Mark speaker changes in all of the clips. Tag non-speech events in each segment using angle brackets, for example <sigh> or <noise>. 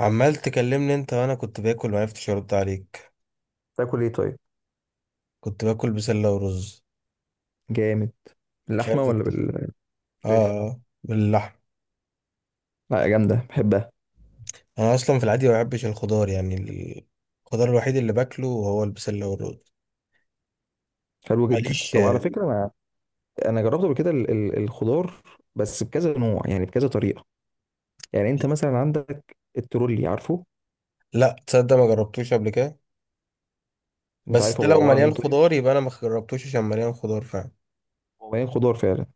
Speaker 1: عمال تكلمني انت وانا كنت باكل ما عرفتش ارد عليك.
Speaker 2: تاكل ايه طيب؟
Speaker 1: كنت باكل بسله ورز.
Speaker 2: جامد.
Speaker 1: مش
Speaker 2: اللحمه
Speaker 1: عارف
Speaker 2: ولا بالفراخ؟
Speaker 1: اه. اه باللحم.
Speaker 2: لا جامده، بحبها.
Speaker 1: انا اصلا في العادي ما بحبش الخضار الخضار الوحيد اللي باكله هو البسله والرز.
Speaker 2: حلو جدا.
Speaker 1: ماليش.
Speaker 2: طب على فكره، انا جربت قبل كده الخضار، بس بكذا نوع، يعني بكذا طريقه. يعني انت مثلا عندك الترولي، عارفه؟
Speaker 1: لا تصدق ما جربتوش قبل كده.
Speaker 2: انت
Speaker 1: بس
Speaker 2: عارف
Speaker 1: ده
Speaker 2: هو
Speaker 1: لو
Speaker 2: عباره عن
Speaker 1: مليان
Speaker 2: ايه طيب؟
Speaker 1: خضار يبقى انا ما جربتوش عشان مليان خضار فعلا.
Speaker 2: هو يعني خضار فعلا.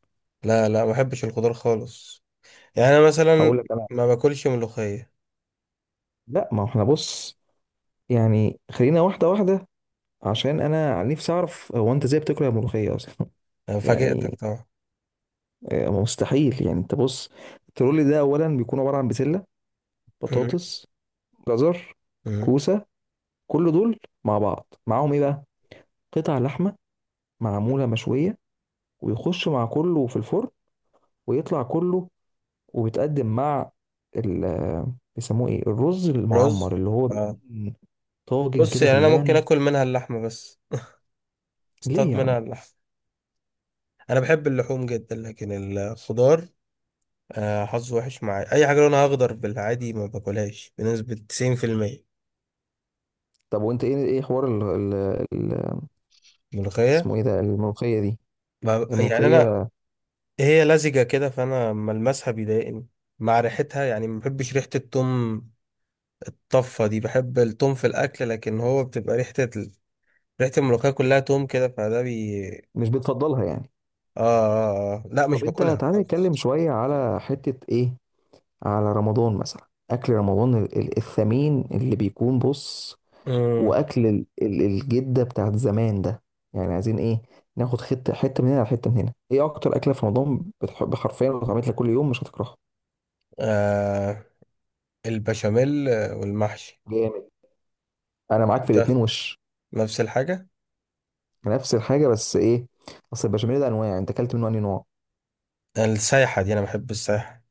Speaker 1: لا لا ما بحبش الخضار خالص. يعني انا
Speaker 2: هقول
Speaker 1: مثلا
Speaker 2: لك انا.
Speaker 1: ما باكلش ملوخيه.
Speaker 2: لا، ما هو احنا بص، يعني خلينا واحده واحده، عشان انا عن نفسي اعرف. هو انت ازاي بتاكل الملوخيه اصلا؟
Speaker 1: انا
Speaker 2: <laughs>
Speaker 1: فاجئتك
Speaker 2: يعني،
Speaker 1: طبعا.
Speaker 2: آه، مستحيل. يعني انت بص، الترولي ده اولا بيكون عباره عن بسله،
Speaker 1: مم.
Speaker 2: بطاطس، جزر،
Speaker 1: مم.
Speaker 2: كوسه، كل دول مع بعض، معاهم ايه بقى؟ قطع لحمه، معموله مشويه، ويخش مع كله في الفرن، ويطلع كله، وبيتقدم مع ال بيسموه ايه، الرز
Speaker 1: رز.
Speaker 2: المعمر، اللي هو
Speaker 1: آه.
Speaker 2: بيكون طاجن
Speaker 1: بص
Speaker 2: كده
Speaker 1: يعني انا ممكن
Speaker 2: باللبن.
Speaker 1: اكل منها اللحمه بس،
Speaker 2: ليه
Speaker 1: اصطاد
Speaker 2: يا
Speaker 1: منها
Speaker 2: عم؟
Speaker 1: اللحم. انا بحب اللحوم جدا لكن الخضار، آه، حظه وحش معايا. اي حاجه لونها اخضر بالعادي ما باكلهاش بنسبه 90%.
Speaker 2: طب وانت ايه حوار ال ال ال
Speaker 1: ملوخيه.
Speaker 2: اسمه ايه ده، الملوخيه دي،
Speaker 1: يعني انا
Speaker 2: الملوخيه؟
Speaker 1: هي لزجه كده فانا ما المسها بيضايقني، مع ريحتها. يعني ما بحبش ريحه التوم الطفه دي، بحب التوم في الاكل لكن هو بتبقى ريحه ال... ريحه الملوخيه كلها توم كده فده بي.
Speaker 2: مش بتفضلها يعني؟
Speaker 1: لا مش
Speaker 2: طب انت
Speaker 1: باكلها
Speaker 2: تعالى
Speaker 1: خالص.
Speaker 2: نتكلم شويه على حته ايه، على رمضان مثلا، اكل رمضان الثمين اللي بيكون بص،
Speaker 1: امم.
Speaker 2: واكل الجده بتاعت زمان ده، يعني عايزين ايه؟ ناخد حته حته من هنا على حته من هنا. ايه اكتر اكله في رمضان بتحب حرفيا لو اتعملت لك كل يوم مش هتكرهها؟
Speaker 1: آه، البشاميل والمحشي.
Speaker 2: جامد. انا معاك في الاتنين
Speaker 1: ده
Speaker 2: وش.
Speaker 1: نفس الحاجه.
Speaker 2: نفس الحاجه، بس ايه، اصل البشاميل ده انواع، انت اكلت منه انهي نوع؟
Speaker 1: السايحة، دي أنا بحب السايحة.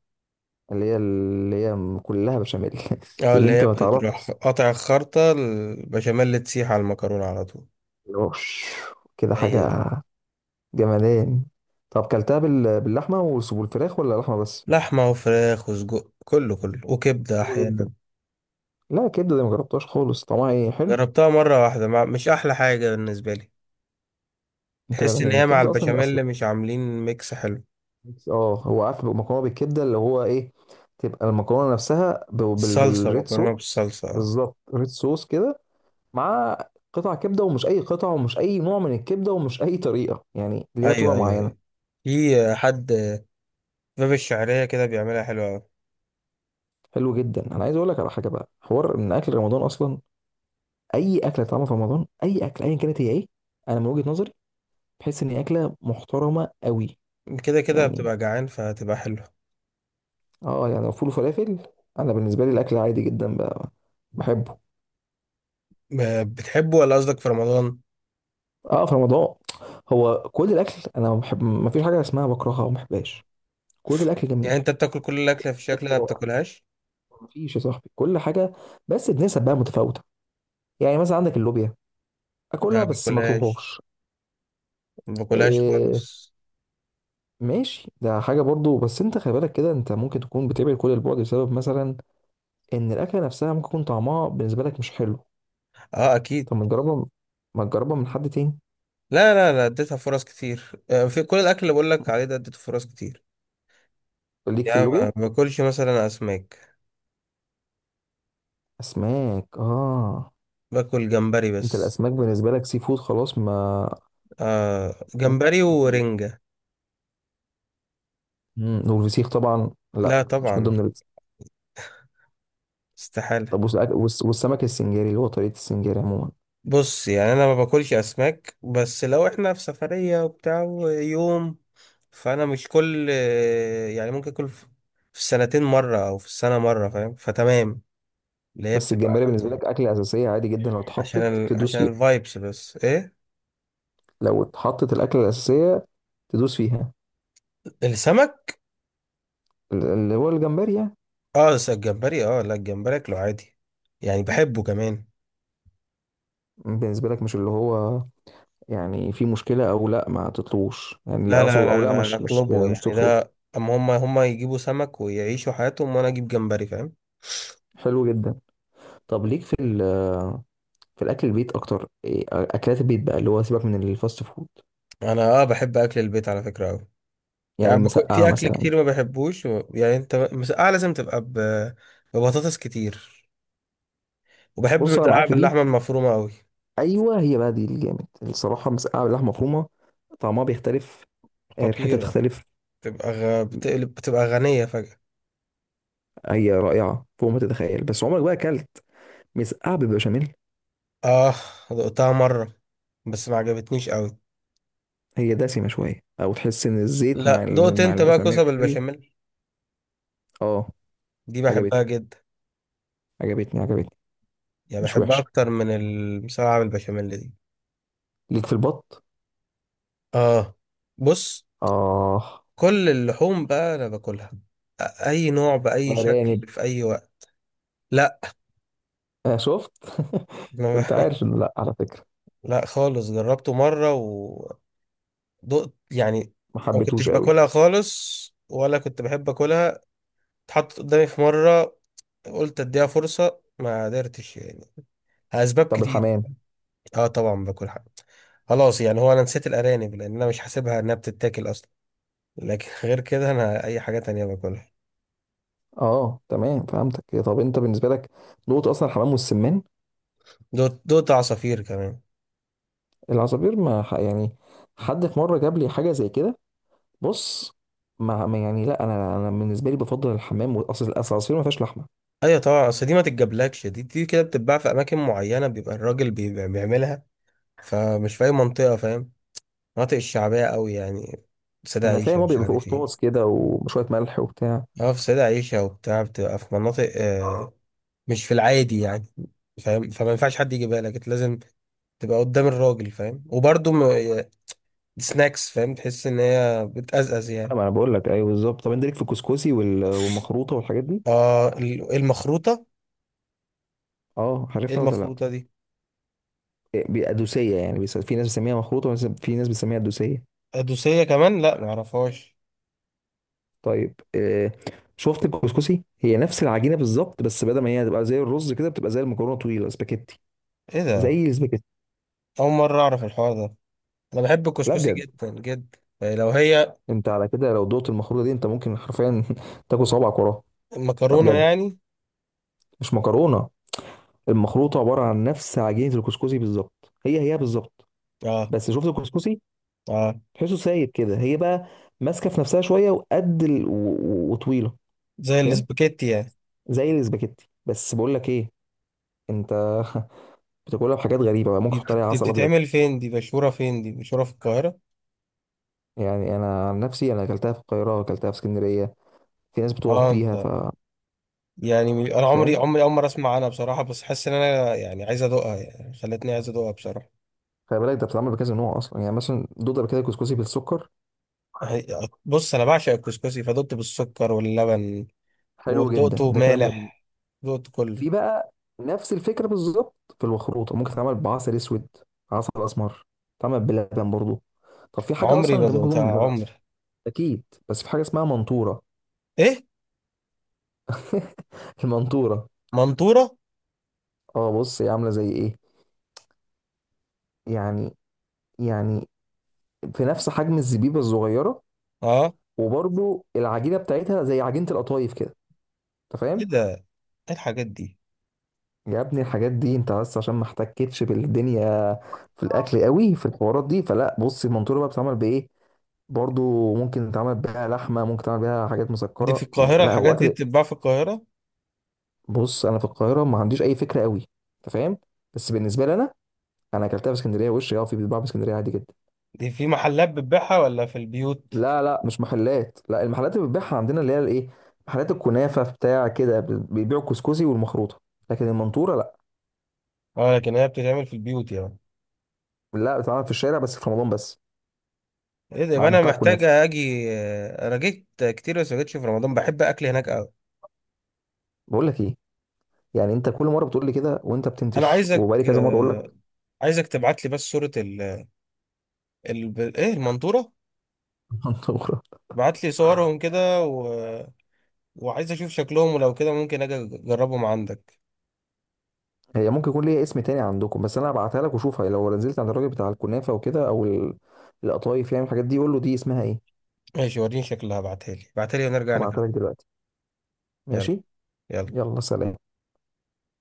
Speaker 2: اللي هي كلها بشاميل <laughs>
Speaker 1: اه
Speaker 2: اللي
Speaker 1: اللي
Speaker 2: انت
Speaker 1: هي
Speaker 2: ما تعرفش.
Speaker 1: بتروح قاطع الخرطة، البشاميل تسيح على المكرونة على طول.
Speaker 2: اللي هو كده
Speaker 1: هي دي.
Speaker 2: حاجه. جمدان. طب كلتها باللحمه والفراخ ولا لحمه بس؟
Speaker 1: لحمة وفراخ وسجق كله كله وكبدة
Speaker 2: حلو جدا.
Speaker 1: أحيانا.
Speaker 2: لا الكبده دي ما جربتهاش خالص، طعمها ايه، حلو؟
Speaker 1: جربتها مرة واحدة، مع... مش أحلى حاجة بالنسبة لي.
Speaker 2: فعلا
Speaker 1: تحس إن
Speaker 2: لان
Speaker 1: هي مع
Speaker 2: الكبده اصلا اصل
Speaker 1: البشاميل مش عاملين ميكس حلو.
Speaker 2: ميكس. اه، هو عارف مكرونه بالكبده اللي هو ايه، تبقى المكرونه نفسها
Speaker 1: الصلصة،
Speaker 2: بالريد
Speaker 1: مكرونة
Speaker 2: صوص.
Speaker 1: بالصلصة اه.
Speaker 2: بالظبط، ريد صوص كده، مع قطع كبده، ومش اي قطع، ومش اي نوع من الكبده، ومش اي طريقه، يعني ليها
Speaker 1: أيوه
Speaker 2: طريقه
Speaker 1: أيوه
Speaker 2: معينه.
Speaker 1: أيوه. في حد في باب الشعرية كده بيعملها حلوة أوي.
Speaker 2: حلو جدا. انا عايز اقول لك على حاجه بقى، حوار ان اكل رمضان اصلا، اي اكله طعمها في رمضان، اي اكل ايا كانت، هي ايه؟ انا من وجهه نظري بحس ان هي اكله محترمه قوي،
Speaker 1: كده كده
Speaker 2: يعني.
Speaker 1: بتبقى جعان فهتبقى حلوة.
Speaker 2: اه يعني لو فول وفلافل. انا بالنسبه لي الاكل عادي جدا بقى، بحبه.
Speaker 1: بتحبه ولا قصدك في رمضان؟
Speaker 2: اه، في رمضان. هو كل الاكل انا ما بحب، ما فيش حاجه اسمها بكرهها او ما بحبهاش، كل الاكل
Speaker 1: يعني
Speaker 2: جميل،
Speaker 1: أنت بتاكل كل الأكلة في الشكل ده
Speaker 2: اكل
Speaker 1: ما
Speaker 2: رائع.
Speaker 1: بتاكلهاش؟
Speaker 2: ما فيش يا صاحبي، كل حاجه، بس بنسب بقى متفاوته. يعني مثلا عندك اللوبيا،
Speaker 1: لا
Speaker 2: اكلها
Speaker 1: ما
Speaker 2: بس ما
Speaker 1: باكلهاش.
Speaker 2: اطلبهاش.
Speaker 1: ما باكلهاش
Speaker 2: إيه.
Speaker 1: خالص.
Speaker 2: ماشي، ده حاجه برضو. بس انت خلي بالك كده، انت ممكن تكون بتبعد كل البعد بسبب مثلا ان الاكله نفسها ممكن يكون طعمها بالنسبه لك مش حلو.
Speaker 1: اه اكيد.
Speaker 2: طب ما تجربها، ما تجربها من حد تاني.
Speaker 1: لا لا لا اديتها فرص كتير. آه، في كل الاكل اللي بقول لك عليه
Speaker 2: <laughs>
Speaker 1: ده اديته فرص كتير.
Speaker 2: ليك في
Speaker 1: يعني ما
Speaker 2: اللوبيا.
Speaker 1: ما باكلش مثلا اسماك.
Speaker 2: اسماك، اه.
Speaker 1: باكل جمبري
Speaker 2: انت
Speaker 1: بس.
Speaker 2: الاسماك بالنسبه لك سي فود خلاص، ما
Speaker 1: آه جمبري
Speaker 2: مفيش.
Speaker 1: ورنجة.
Speaker 2: والفسيخ طبعا
Speaker 1: لا
Speaker 2: لا، مش من
Speaker 1: طبعا.
Speaker 2: ضمن الرز.
Speaker 1: استحالة.
Speaker 2: طب والسمك والسمك السنجاري، اللي هو طريقه السنجاري عموما.
Speaker 1: بص يعني انا ما باكلش اسماك، بس لو احنا في سفرية وبتاع يوم، فانا مش كل، يعني ممكن اكل في في السنتين مرة او في السنة مرة، فاهم؟ فتمام. اللي هي
Speaker 2: بس الجمبري
Speaker 1: بتبقى
Speaker 2: بالنسبه لك اكله اساسيه عادي جدا، لو
Speaker 1: عشان
Speaker 2: اتحطت
Speaker 1: ال...
Speaker 2: تدوس
Speaker 1: عشان
Speaker 2: فيها،
Speaker 1: الفايبس بس ايه.
Speaker 2: لو اتحطت الاكله الاساسيه تدوس فيها،
Speaker 1: السمك
Speaker 2: اللي هو الجمبري يعني،
Speaker 1: اه، بس الجمبري اه، لا الجمبري اكله عادي يعني، بحبه كمان.
Speaker 2: بالنسبه لك، مش اللي هو يعني في مشكله او لا، ما تطلوش، يعني لا
Speaker 1: لا لا
Speaker 2: اقصد، او
Speaker 1: لا
Speaker 2: لا
Speaker 1: لا
Speaker 2: مش
Speaker 1: اطلبه يعني
Speaker 2: ترفض
Speaker 1: ده، اما هم يجيبوا سمك ويعيشوا حياتهم وانا اجيب جمبري، فاهم.
Speaker 2: حلو جدا. طب ليك في في الاكل البيت اكتر، إيه، اكلات البيت بقى اللي هو سيبك من الفاست فود.
Speaker 1: انا اه بحب اكل البيت على فكرة قوي.
Speaker 2: يعني مسقعه
Speaker 1: في اكل
Speaker 2: مثلا.
Speaker 1: كتير ما بحبوش و... يعني انت مسقعة لازم تبقى ب... ببطاطس كتير. وبحب
Speaker 2: بص انا
Speaker 1: المسقعة
Speaker 2: معاك في دي.
Speaker 1: باللحمة المفرومة قوي.
Speaker 2: ايوه، هي بقى دي الجامد، الصراحه مسقعه باللحمه مفرومه، طعمها بيختلف، آه، ريحتها
Speaker 1: خطيرة،
Speaker 2: بتختلف.
Speaker 1: بتبقى غ... بتقلب بتبقى غنية فجأة.
Speaker 2: هي رائعه فوق ما تتخيل. بس عمرك بقى اكلت مسقعه بالبشاميل؟
Speaker 1: اه دقتها مرة بس ما عجبتنيش قوي.
Speaker 2: هي دسمه شويه، او تحس ان الزيت مع
Speaker 1: لا دقت
Speaker 2: مع
Speaker 1: انت بقى كوسه
Speaker 2: البشاميل.
Speaker 1: بالبشاميل؟
Speaker 2: اه
Speaker 1: دي
Speaker 2: عجبتني
Speaker 1: بحبها جدا.
Speaker 2: عجبتني عجبتني.
Speaker 1: يعني
Speaker 2: مش
Speaker 1: بحبها
Speaker 2: وحشه.
Speaker 1: اكتر من المسقعه بالبشاميل دي.
Speaker 2: ليك في البط؟
Speaker 1: اه بص،
Speaker 2: اه.
Speaker 1: كل اللحوم بقى انا باكلها، اي نوع باي
Speaker 2: ارانب؟
Speaker 1: شكل في اي وقت. لا.
Speaker 2: آه شفت <laughs>
Speaker 1: ما <laughs>
Speaker 2: كنت عارف انه لا، على فكره.
Speaker 1: لا خالص، جربته مره ودقت يعني.
Speaker 2: ما
Speaker 1: ما كنتش
Speaker 2: حبيتهوش قوي.
Speaker 1: باكلها خالص ولا كنت بحب اكلها، اتحطت قدامي في مره، قلت اديها فرصه ما قدرتش يعني. اسباب
Speaker 2: طب
Speaker 1: كتير.
Speaker 2: الحمام؟
Speaker 1: اه طبعا باكل حاجة. خلاص يعني، هو انا نسيت الارانب لان انا مش حاسبها انها بتتاكل اصلا، لكن <laughs> غير كده انا اي حاجة تانية باكلها.
Speaker 2: اه تمام، فهمتك. طب انت بالنسبه لك نقطه اصلا الحمام والسمان،
Speaker 1: دوت دوت عصافير كمان.
Speaker 2: العصافير ما ح- يعني، حد في مره جاب لي حاجه زي كده، بص، ما يعني لا، انا بالنسبه لي بفضل الحمام، واصل اصل العصافير ما فيهاش لحمه.
Speaker 1: ايوه طبعا، اصل دي ما تتجابلكش. دي كده بتتباع في اماكن معينة، بيبقى الراجل بيبقى بيعملها، فمش في اي منطقة، فاهم؟ مناطق الشعبية قوي يعني، سيدة
Speaker 2: انا فاهم،
Speaker 1: عيشة
Speaker 2: هو
Speaker 1: مش
Speaker 2: بيبقى فيه
Speaker 1: عارف
Speaker 2: قشطاص
Speaker 1: ايه.
Speaker 2: كده وشويه ملح وبتاع.
Speaker 1: اه في سيدة عيشة وبتاع، بتبقى في مناطق، آه، مش في العادي يعني، فاهم. فما ينفعش حد يجيبها لك، إنت لازم تبقى قدام الراجل، فاهم. وبرضه سناكس، فاهم، تحس ان هي بتقزقز
Speaker 2: لا،
Speaker 1: يعني.
Speaker 2: ما انا بقول لك، ايوه بالظبط. طب انت ليك في الكسكسي والمخروطه والحاجات دي؟
Speaker 1: اه إيه المخروطه؟
Speaker 2: اه
Speaker 1: ايه
Speaker 2: عارفها ولا لا؟
Speaker 1: المخروطه دي؟
Speaker 2: إيه، ادوسيه يعني، في ناس بتسميها مخروطه، في ناس بتسميها ادوسيه.
Speaker 1: ادوسيه كمان، لا معرفهاش.
Speaker 2: طيب إيه، شفت الكسكسي، هي نفس العجينه بالظبط، بس بدل ما هي تبقى زي الرز كده، بتبقى زي المكرونه طويله، سباكيتي.
Speaker 1: ايه ده،
Speaker 2: زي السباكيتي.
Speaker 1: اول مره اعرف الحوار ده. انا بحب
Speaker 2: لا
Speaker 1: الكسكسي
Speaker 2: بجد،
Speaker 1: جدا جدا، يعني لو هي
Speaker 2: انت على كده لو دوت المخروطه دي، انت ممكن حرفيا <laughs> تاكل صوابعك وراها. بقى
Speaker 1: مكرونه
Speaker 2: بجد،
Speaker 1: يعني.
Speaker 2: مش مكرونه. المخروطه عباره عن نفس عجينه الكسكسي بالظبط، هي هي بالظبط.
Speaker 1: اه.
Speaker 2: بس شفت الكسكسي،
Speaker 1: اه
Speaker 2: تحسه سايب كده، هي بقى ماسكه في نفسها شويه، وقد وطويله،
Speaker 1: زي
Speaker 2: فاهم،
Speaker 1: الاسباجيتي يعني.
Speaker 2: زي الاسباجيتي. بس بقول لك ايه، انت <laughs> بتاكلها بحاجات غريبه بقى، ممكن تحط عليها
Speaker 1: دي
Speaker 2: عسل ابيض.
Speaker 1: بتتعمل فين؟ دي مشهوره فين؟ دي مشهوره في القاهره؟
Speaker 2: يعني انا عن نفسي، انا اكلتها في القاهره، اكلتها في اسكندريه، في ناس بتقف
Speaker 1: اه
Speaker 2: بيها، ف
Speaker 1: انت،
Speaker 2: أنت
Speaker 1: يعني انا عمري
Speaker 2: فاهم.
Speaker 1: عمري اول مره اسمع عنها بصراحه. بس حاسس ان انا يعني عايز ادوقها، يعني خلتني عايز ادوقها بصراحه.
Speaker 2: خلي بالك ده بتتعمل بكذا نوع اصلا، يعني مثلا دوده بكده كسكسي بالسكر.
Speaker 1: بص انا بعشق الكسكسي، فدقت بالسكر واللبن،
Speaker 2: حلو جدا،
Speaker 1: ودقته
Speaker 2: ده كلام جميل. مم.
Speaker 1: مالح، دقته كله.
Speaker 2: في بقى نفس الفكره بالظبط في الخروطه، ممكن تتعمل بعسل اسود، عسل اسمر، تتعمل بلبن برضو. طب في حاجه
Speaker 1: عمري
Speaker 2: اصلا
Speaker 1: ما
Speaker 2: انت ممكن
Speaker 1: دقتها
Speaker 2: تكون ما تعرف-.
Speaker 1: عمري.
Speaker 2: اكيد. بس في حاجه اسمها منطوره.
Speaker 1: ايه
Speaker 2: <laughs> المنطوره.
Speaker 1: منطورة؟
Speaker 2: اه بص هي عامله زي ايه، يعني، يعني في نفس حجم الزبيبه الصغيره،
Speaker 1: اه
Speaker 2: وبرضو العجينه بتاعتها زي عجينه القطايف كده، انت
Speaker 1: ايه
Speaker 2: فاهم.
Speaker 1: ده، ايه الحاجات دي؟
Speaker 2: يا ابني الحاجات دي انت بس عشان ما احتكتش بالدنيا في الاكل قوي، في الحوارات دي، فلا بص، المنطوره بقى بتتعمل بايه؟ برضو ممكن تعمل بيها لحمه، ممكن تعمل بيها حاجات
Speaker 1: دي في
Speaker 2: مسكره، يعني
Speaker 1: القاهرة،
Speaker 2: لا هو
Speaker 1: الحاجات دي
Speaker 2: اكل.
Speaker 1: بتتباع في القاهرة؟
Speaker 2: بص انا في القاهره ما عنديش اي فكره قوي، انت فاهم؟ بس بالنسبه لي انا، انا اكلتها في اسكندريه وش، اه في، بيتباع في اسكندريه عادي جدا.
Speaker 1: دي في محلات بتبيعها ولا في البيوت؟
Speaker 2: لا لا مش محلات، لا، المحلات اللي بتبيعها عندنا اللي هي الايه، محلات الكنافه بتاع كده بيبيعوا الكسكسي والمخروطه، لكن المنطوره لا.
Speaker 1: اه لكن هي بتتعمل في البيوت يعني؟
Speaker 2: لا، بتتعمل في الشارع بس في رمضان بس،
Speaker 1: ايه ده،
Speaker 2: مع
Speaker 1: يبقى
Speaker 2: عند
Speaker 1: انا
Speaker 2: بتاع
Speaker 1: محتاج
Speaker 2: الكنافه.
Speaker 1: اجي. آه، انا جيت كتير بس ما جيتش في رمضان، بحب اكل هناك قوي.
Speaker 2: بقول لك ايه، يعني انت كل مره بتقول لي كده وانت
Speaker 1: انا
Speaker 2: بتنتش،
Speaker 1: عايزك،
Speaker 2: وبقالي كذا مره اقول
Speaker 1: آه،
Speaker 2: لك.
Speaker 1: عايزك تبعت لي بس صورة ال... ال... ايه، المنطورة.
Speaker 2: <laughs> منطوره.
Speaker 1: بعت لي صورهم كده، و وعايز اشوف شكلهم، ولو كده ممكن اجي اجربهم عندك.
Speaker 2: هي ممكن يكون ليها اسم تاني عندكم، بس انا هبعتها لك وشوفها، لو نزلت عند الراجل بتاع الكنافه وكده، او القطايف، يعني الحاجات دي، قول له دي اسمها ايه.
Speaker 1: ماشي وريني شكلها، ابعتها لي ابعتها لي ونرجع نكمل.
Speaker 2: هبعتها لك دلوقتي.
Speaker 1: يلا
Speaker 2: ماشي.
Speaker 1: يلا.
Speaker 2: يلا سلام.